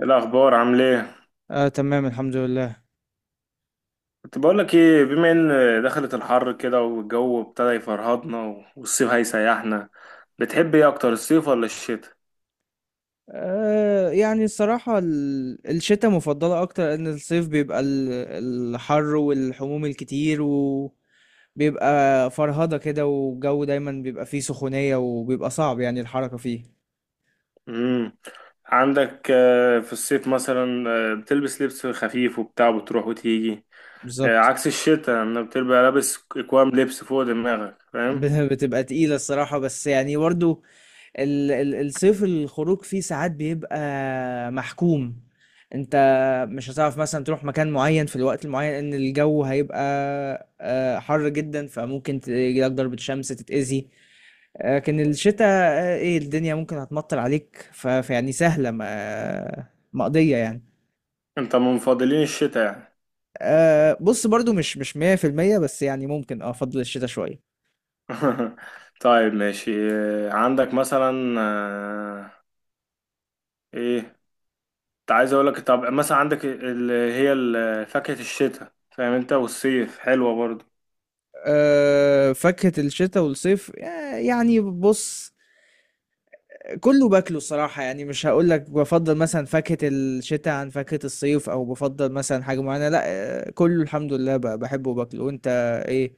إيه الأخبار، عامل إيه؟ آه، تمام، الحمد لله. كنت بقول لك إيه، بما إن دخلت الحر كده والجو ابتدى يفرهدنا والصيف هيسيحنا. بتحب إيه أكتر، الصيف ولا الشتاء؟ يعني الصراحة، الشتاء مفضلة أكتر، لأن الصيف بيبقى الحر والحموم الكتير، وبيبقى فرهضة كده، والجو دايما بيبقى فيه سخونية، وبيبقى صعب يعني الحركة فيه. مم. عندك في الصيف مثلا بتلبس لبس خفيف وبتاع، بتروح وتيجي. بالظبط. عكس الشتاء، إنك بتبقى لابس أكوام لبس فوق دماغك، فاهم؟ بتبقى تقيلة الصراحة، بس يعني برضو الصيف الخروج فيه ساعات بيبقى محكوم. انت مش هتعرف مثلا تروح مكان معين في الوقت المعين، ان الجو هيبقى حر جدا، فممكن تجيلك ضربة شمس تتأذي. لكن الشتاء، ايه، الدنيا ممكن هتمطر عليك، فيعني سهلة، مقضية يعني. أنت من مفضلين الشتاء يعني. بص، برضو مش 100%، بس يعني ممكن افضل الشتاء شوية. طيب ماشي، عندك مثلا إيه؟ عايز اقول لك، طب مثلا عندك اللي هي فاكهة الشتاء، فاهم انت، والصيف حلوة برضو. فاكهة الشتاء والصيف، يعني بص، كله باكله الصراحة، يعني مش هقول لك بفضل مثلا فاكهة الشتاء عن فاكهة الصيف، او بفضل مثلا حاجة معينة، لا. كله الحمد لله بحبه وباكله. وانت؟ ايه؟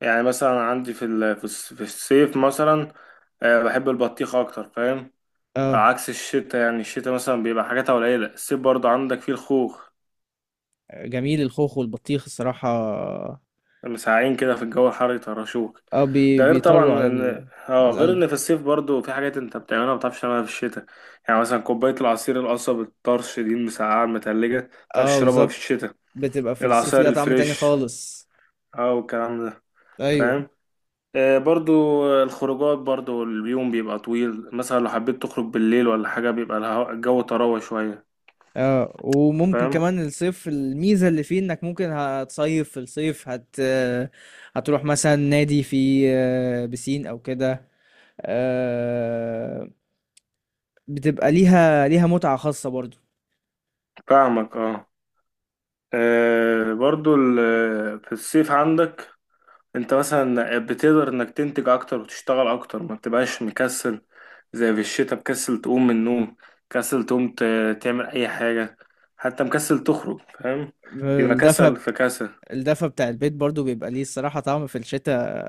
يعني مثلا عندي في الصيف مثلا بحب البطيخ اكتر، فاهم. اه، عكس الشتاء، يعني الشتاء مثلا بيبقى حاجاتها قليلة. الصيف برضو عندك فيه الخوخ، جميل، الخوخ والبطيخ الصراحة. مساعين كده في الجو الحر يطرشوك. اه، ده غير طبعا بيطروا على ان اه، غير القلب. ان في الصيف برضو في حاجات انت بتعملها ما بتعرفش تعملها في الشتاء. يعني مثلا كوباية العصير القصب الطرش دي، المسقعة المتلجة، ما بتعرفش اه، تشربها في بالظبط، الشتاء. بتبقى في الصيف العصاير ليها طعم تاني الفريش خالص. اه والكلام ده، ايوه. فاهم. آه برضو الخروجات، برضو اليوم بيبقى طويل، مثلا لو حبيت تخرج بالليل ولا حاجة بيبقى الجو طراوة شوية. اه، وممكن فاهم. كمان الصيف الميزة اللي فيه، انك ممكن هتصيف في الصيف، هت آه، هتروح مثلا نادي فيه بسين او كده. آه، بتبقى ليها متعة خاصة برضو. فاهمك اه. في الصيف عندك، انت مثلا بتقدر انك تنتج اكتر وتشتغل اكتر، ما بتبقاش مكسل زي في الشتاء. مكسل تقوم من النوم، مكسل تقوم تعمل اي حاجة، حتى مكسل تخرج، فاهم. بيبقى كسل الدفى في كسل. الدفى بتاع البيت برضو بيبقى ليه الصراحة طعم في الشتاء.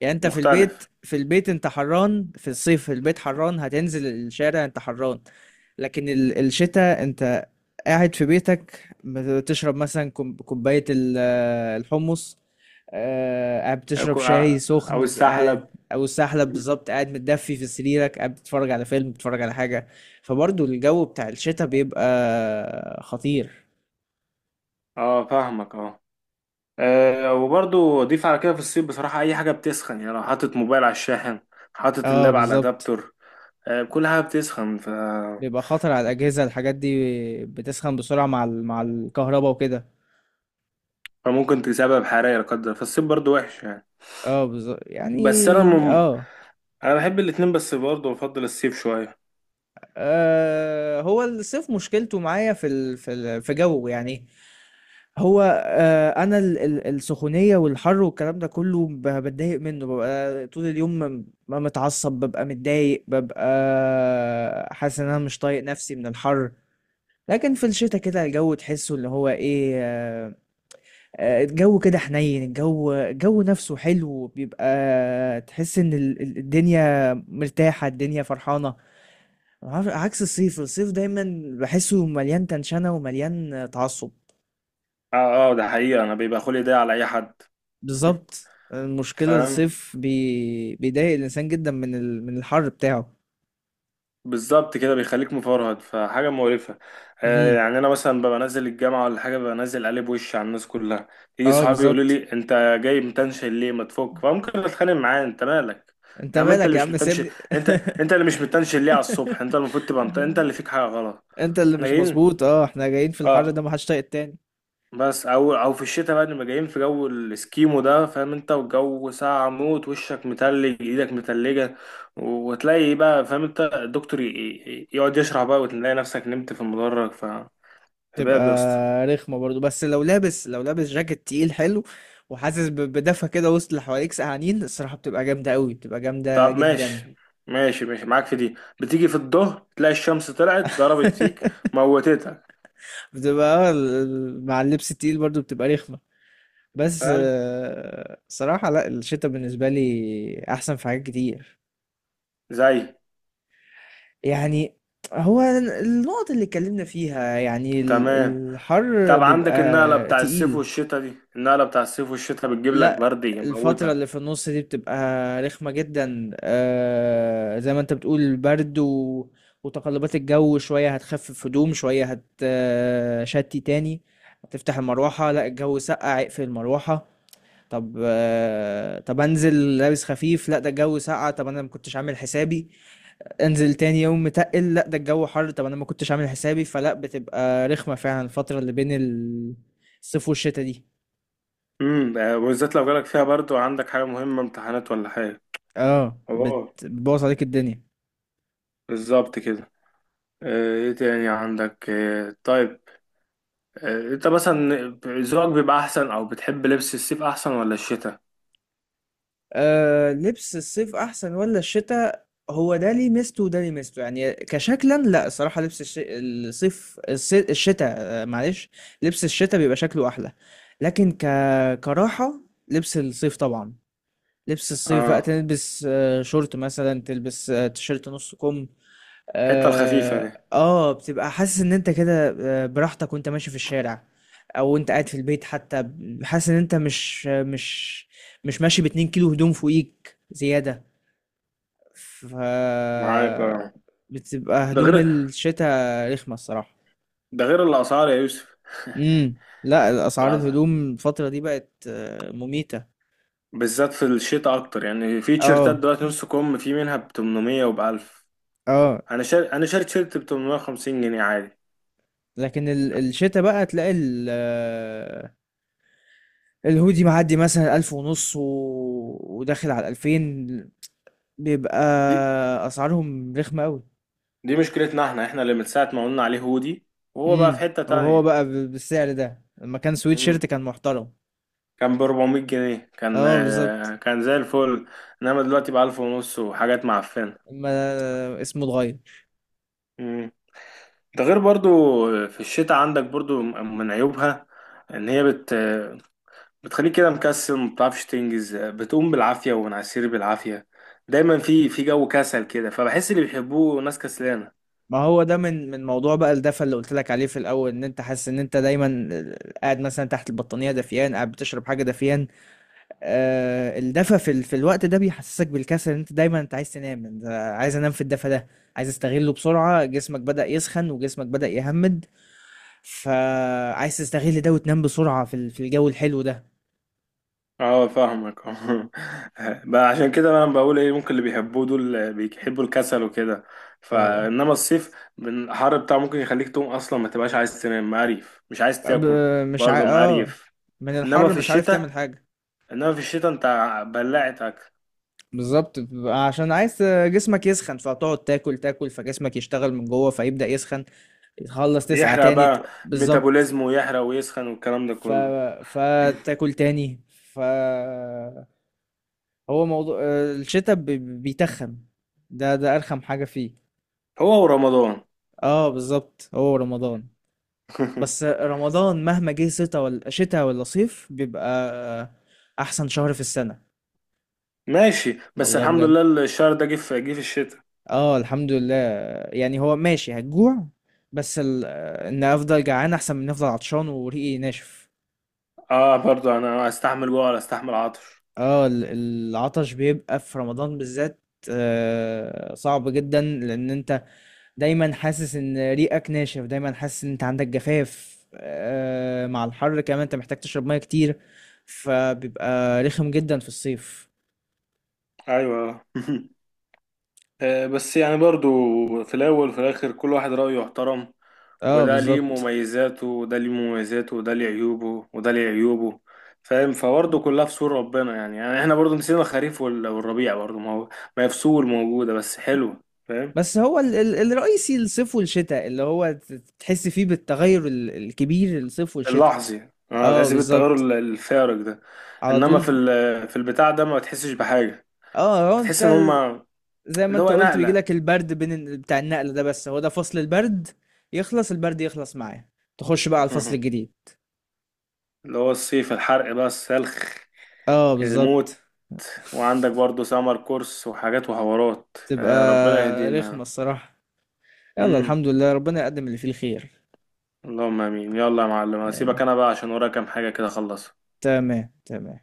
يعني انت في مختلف. البيت، في البيت انت حران، في الصيف في البيت حران، هتنزل الشارع انت حران. لكن الشتاء، انت قاعد في بيتك، بتشرب مثلا كوباية الحمص. قاعد بتشرب او شاي أو سخن، قاعد. السحلب. او السحلب، بالظبط، قاعد متدفي في سريرك، قاعد بتتفرج على فيلم، بتتفرج على حاجة. فبرضو الجو بتاع الشتاء بيبقى خطير. اه فاهمك اه. وبرضو اضيف على كده، في الصيف بصراحة اي حاجة بتسخن. يعني لو حاطط موبايل على الشاحن، حاطط اه، اللاب على بالظبط، الادابتور، كل حاجة بتسخن ف... بيبقى خطر على الأجهزة، الحاجات دي بتسخن بسرعة مع الكهرباء وكده. فممكن تسبب حرارة لا قدر، فالصيف برضو وحش يعني. اه، بالظبط يعني. بس انا مم... اه، انا بحب الاتنين، بس برضو بفضل الصيف شوية. هو الصيف مشكلته معايا في جو يعني. هو انا السخونيه والحر والكلام ده كله بتضايق منه، ببقى طول اليوم متعصب، ببقى متضايق، ببقى حاسس ان انا مش طايق نفسي من الحر. لكن في الشتاء كده الجو تحسه اللي هو ايه، الجو كده حنين، الجو نفسه حلو، بيبقى تحس ان الدنيا مرتاحه، الدنيا فرحانه. عكس الصيف، الصيف دايما بحسه مليان تنشنه، ومليان تعصب. اه اه، ده حقيقة، انا بيبقى خلقي ضيق على اي حد، بالظبط، المشكلة فاهم. الصيف بيضايق الإنسان جدا من الحر بتاعه. بالظبط كده، بيخليك مفرهد، فحاجة مقرفة. آه امم. يعني أنا مثلا ببقى نازل الجامعة ولا حاجة، ببقى نازل قلب وشي على الناس كلها. يجي اه، صحابي يقولوا بالظبط، لي أنت جاي متنشن ليه، ما تفك، فممكن أتخانق معاه، أنت مالك. انت يا عم أنت مالك اللي يا مش عم، متنشن. سيبني. أنت أنت اللي مش متنشن ليه على الصبح، أنت المفروض تبقى مت... أنت اللي فيك حاجة غلط. انت اللي إحنا مش جايين، مظبوط، احنا جايين في الحر أه. ده محدش طايق التاني. بس او او في الشتاء بقى، نبقى جايين في جو الاسكيمو ده، فاهم انت، والجو ساقع موت، وشك متلج، ايدك متلجه، وتلاقي بقى فاهم انت الدكتور يقعد يشرح بقى، وتلاقي نفسك نمت في المدرج، فهباب. تبقى يا اسطى. رخمة برضو، بس لو لابس جاكيت تقيل حلو، وحاسس بدفى كده وسط اللي حواليك سقعانين، الصراحة بتبقى جامدة قوي، بتبقى جامدة طب جدا. ماشي، ماشي معاك في دي. بتيجي في الظهر تلاقي الشمس طلعت ضربت فيك، موتتك. بتبقى، اه، مع اللبس التقيل برضو بتبقى رخمة. بس فاهم. صراحة لا، الشتاء بالنسبة لي أحسن في حاجات كتير. زي. يعني هو النقط اللي اتكلمنا فيها يعني، تمام. الحر طب عندك النقله بيبقى بتاع الصيف تقيل. والشتاء دي، النقله بتاع الصيف والشتاء بتجيب لك لا، برد الفترة اللي يموتك. في النص دي بتبقى رخمة جدا، زي ما انت بتقول، البرد و... وتقلبات الجو شوية، هتخفف هدوم شوية، هتشتي تاني، هتفتح المروحة، لا الجو سقع اقفل المروحة. طب انزل لابس خفيف، لا ده الجو ساقع، طب انا ما كنتش عامل حسابي. انزل تاني يوم متقل، لا ده الجو حر، طب انا ما كنتش عامل حسابي. فلا، بتبقى رخمة فعلا الفترة اللي بين الصيف والشتاء دي. امم، ده بالذات لو جالك فيها برضو عندك حاجة مهمة، امتحانات ولا حاجة. اه، اه بتبوظ عليك الدنيا. بالظبط كده. ايه تاني عندك، طيب انت مثلا ذوقك بيبقى احسن، او بتحب لبس الصيف احسن ولا الشتاء؟ لبس الصيف احسن ولا الشتاء؟ هو ده ليه ميزته وده ليه ميزته، يعني كشكلا لا، الصراحة لبس الصيف، الشتاء، معلش، لبس الشتاء بيبقى شكله احلى. لكن كراحة، لبس الصيف طبعا. لبس الصيف بقى اه تلبس شورت مثلا، تلبس تيشيرت نص كم. الحتة الخفيفة دي. بتبقى حاسس ان انت كده براحتك، وانت ماشي في الشارع، او انت قاعد في البيت حتى، حاسس ان انت مش ماشي باتنين كيلو هدوم فوقيك زيادة. ف معاك اه. بتبقى ده غير هدوم الشتاء رخمة الصراحة. ده غير الاسعار يا يوسف، امم. لا، اسعار العسل. الهدوم الفترة دي بقت مميتة. بالذات في الشتاء اكتر. يعني في تيشيرتات اه. دلوقتي نص كم، في منها ب 800 وب 1000. اه، انا شاري تيشيرت ب 850 جنيه عادي. لكن الشتا بقى تلاقي الهودي معدي مثلا ألف ونص و... وداخل على الألفين، بيبقى أسعارهم رخمة أوي. دي مشكلتنا، احنا اللي من ساعة ما قلنا عليه هودي، وهو بقى في امم. حتة وهو تانية. بقى بالسعر ده، لما كان سويت مم. شيرت كان محترم. كان ب 400 جنيه، كان اه بالظبط، كان زي الفل. انما دلوقتي بقى 1000 ونص وحاجات معفنة. ما اسمه اتغير. مم. ده غير برضو في الشتاء عندك برضو من عيوبها، ان هي بتخليك كده مكسل، ما بتعرفش تنجز، بتقوم بالعافية ومنعسير بالعافية، دايما في جو كسل كده، فبحس اللي بيحبوه ناس كسلانة. ما هو ده من موضوع بقى الدفى اللي قلت لك عليه في الأول، إن أنت حاسس إن أنت دايما قاعد مثلا تحت البطانية دافيان، قاعد بتشرب حاجة دافيان. الدفى في الوقت ده بيحسسك بالكسل، إن انت دايما انت عايز تنام، انت عايز انام في الدفى ده، عايز استغله بسرعة، جسمك بدأ يسخن، وجسمك بدأ يهمد، فعايز تستغل ده وتنام بسرعة في الجو الحلو ده. اه فاهمك اه. بقى عشان كده بقى انا بقول ايه، ممكن اللي بيحبوه دول بيحبوا الكسل وكده. آه، فانما الصيف من الحر بتاعه ممكن يخليك تقوم اصلا، ما تبقاش عايز تنام، مقريف، مش عايز تاكل، ب- مش عا... برضه اه مقريف. من انما الحر في مش عارف تعمل الشتاء حاجة. انما في الشتاء انت بلعت اكل. بالظبط، بيبقى عشان عايز جسمك يسخن، فتقعد تاكل تاكل، فجسمك يشتغل من جوه، فيبدأ يسخن، تخلص تسقع يحرق تاني، بقى، بالظبط. ميتابوليزم، ويحرق ويسخن والكلام ده ف... كله. فتاكل تاني. هو موضوع الشتاء بيتخن، ده ارخم حاجة فيه. هو ورمضان. اه بالظبط، هو رمضان. بس رمضان مهما جه شتاء ولا شتاء ولا صيف، بيبقى احسن شهر في السنة. ماشي، بس والله الحمد بجد، لله الشهر ده جه في الشتاء. اه الحمد لله. يعني هو ماشي هتجوع، بس ان افضل جعان احسن من افضل عطشان وريقي ناشف. اه برضه، انا استحمل جوع ولا استحمل عطش. اه، العطش بيبقى في رمضان بالذات صعب جدا، لان انت دايما حاسس ان ريقك ناشف، دايما حاسس ان انت عندك جفاف، مع الحر كمان انت محتاج تشرب ميه كتير، فبيبقى رخم جدا في الصيف. ايوه. بس يعني برضو، في الأول وفي الآخر كل واحد رأيه يحترم، اه وده ليه بالظبط. مميزاته وده ليه مميزاته، وده ليه عيوبه وده ليه عيوبه، فاهم. فبرضه كلها في سور ربنا يعني. يعني احنا برضه نسينا الخريف والربيع برضه، ما هو ما هي فصول موجودة بس حلوة، فاهم. بس هو ال ال الرئيسي الصيف والشتاء، اللي هو تحس فيه بالتغير الكبير، الصيف والشتاء. اللحظي اه، اه تحس بالتغير بالظبط، الفارق ده. على انما طول. في البتاع ده ما تحسش بحاجة. اه، هو انت بتحس ان هما زي ما اللي انت هو قلت، نقلة. بيجيلك البرد بين بتاع النقل ده، بس هو ده فصل البرد، يخلص البرد يخلص معاه، تخش بقى على الفصل الجديد. اللي هو الصيف، الحرق بقى، السلخ، اه الموت. بالظبط، وعندك برضو سمر كورس وحاجات وحوارات، بتبقى ربنا رخمة يهدينا. الصراحة. يلا امم، الحمد لله، ربنا يقدم اللي فيه الخير. اللهم امين. يلا يا معلم، هسيبك آمين. انا بقى عشان ورايا كام حاجة كده اخلصها. تمام، تمام.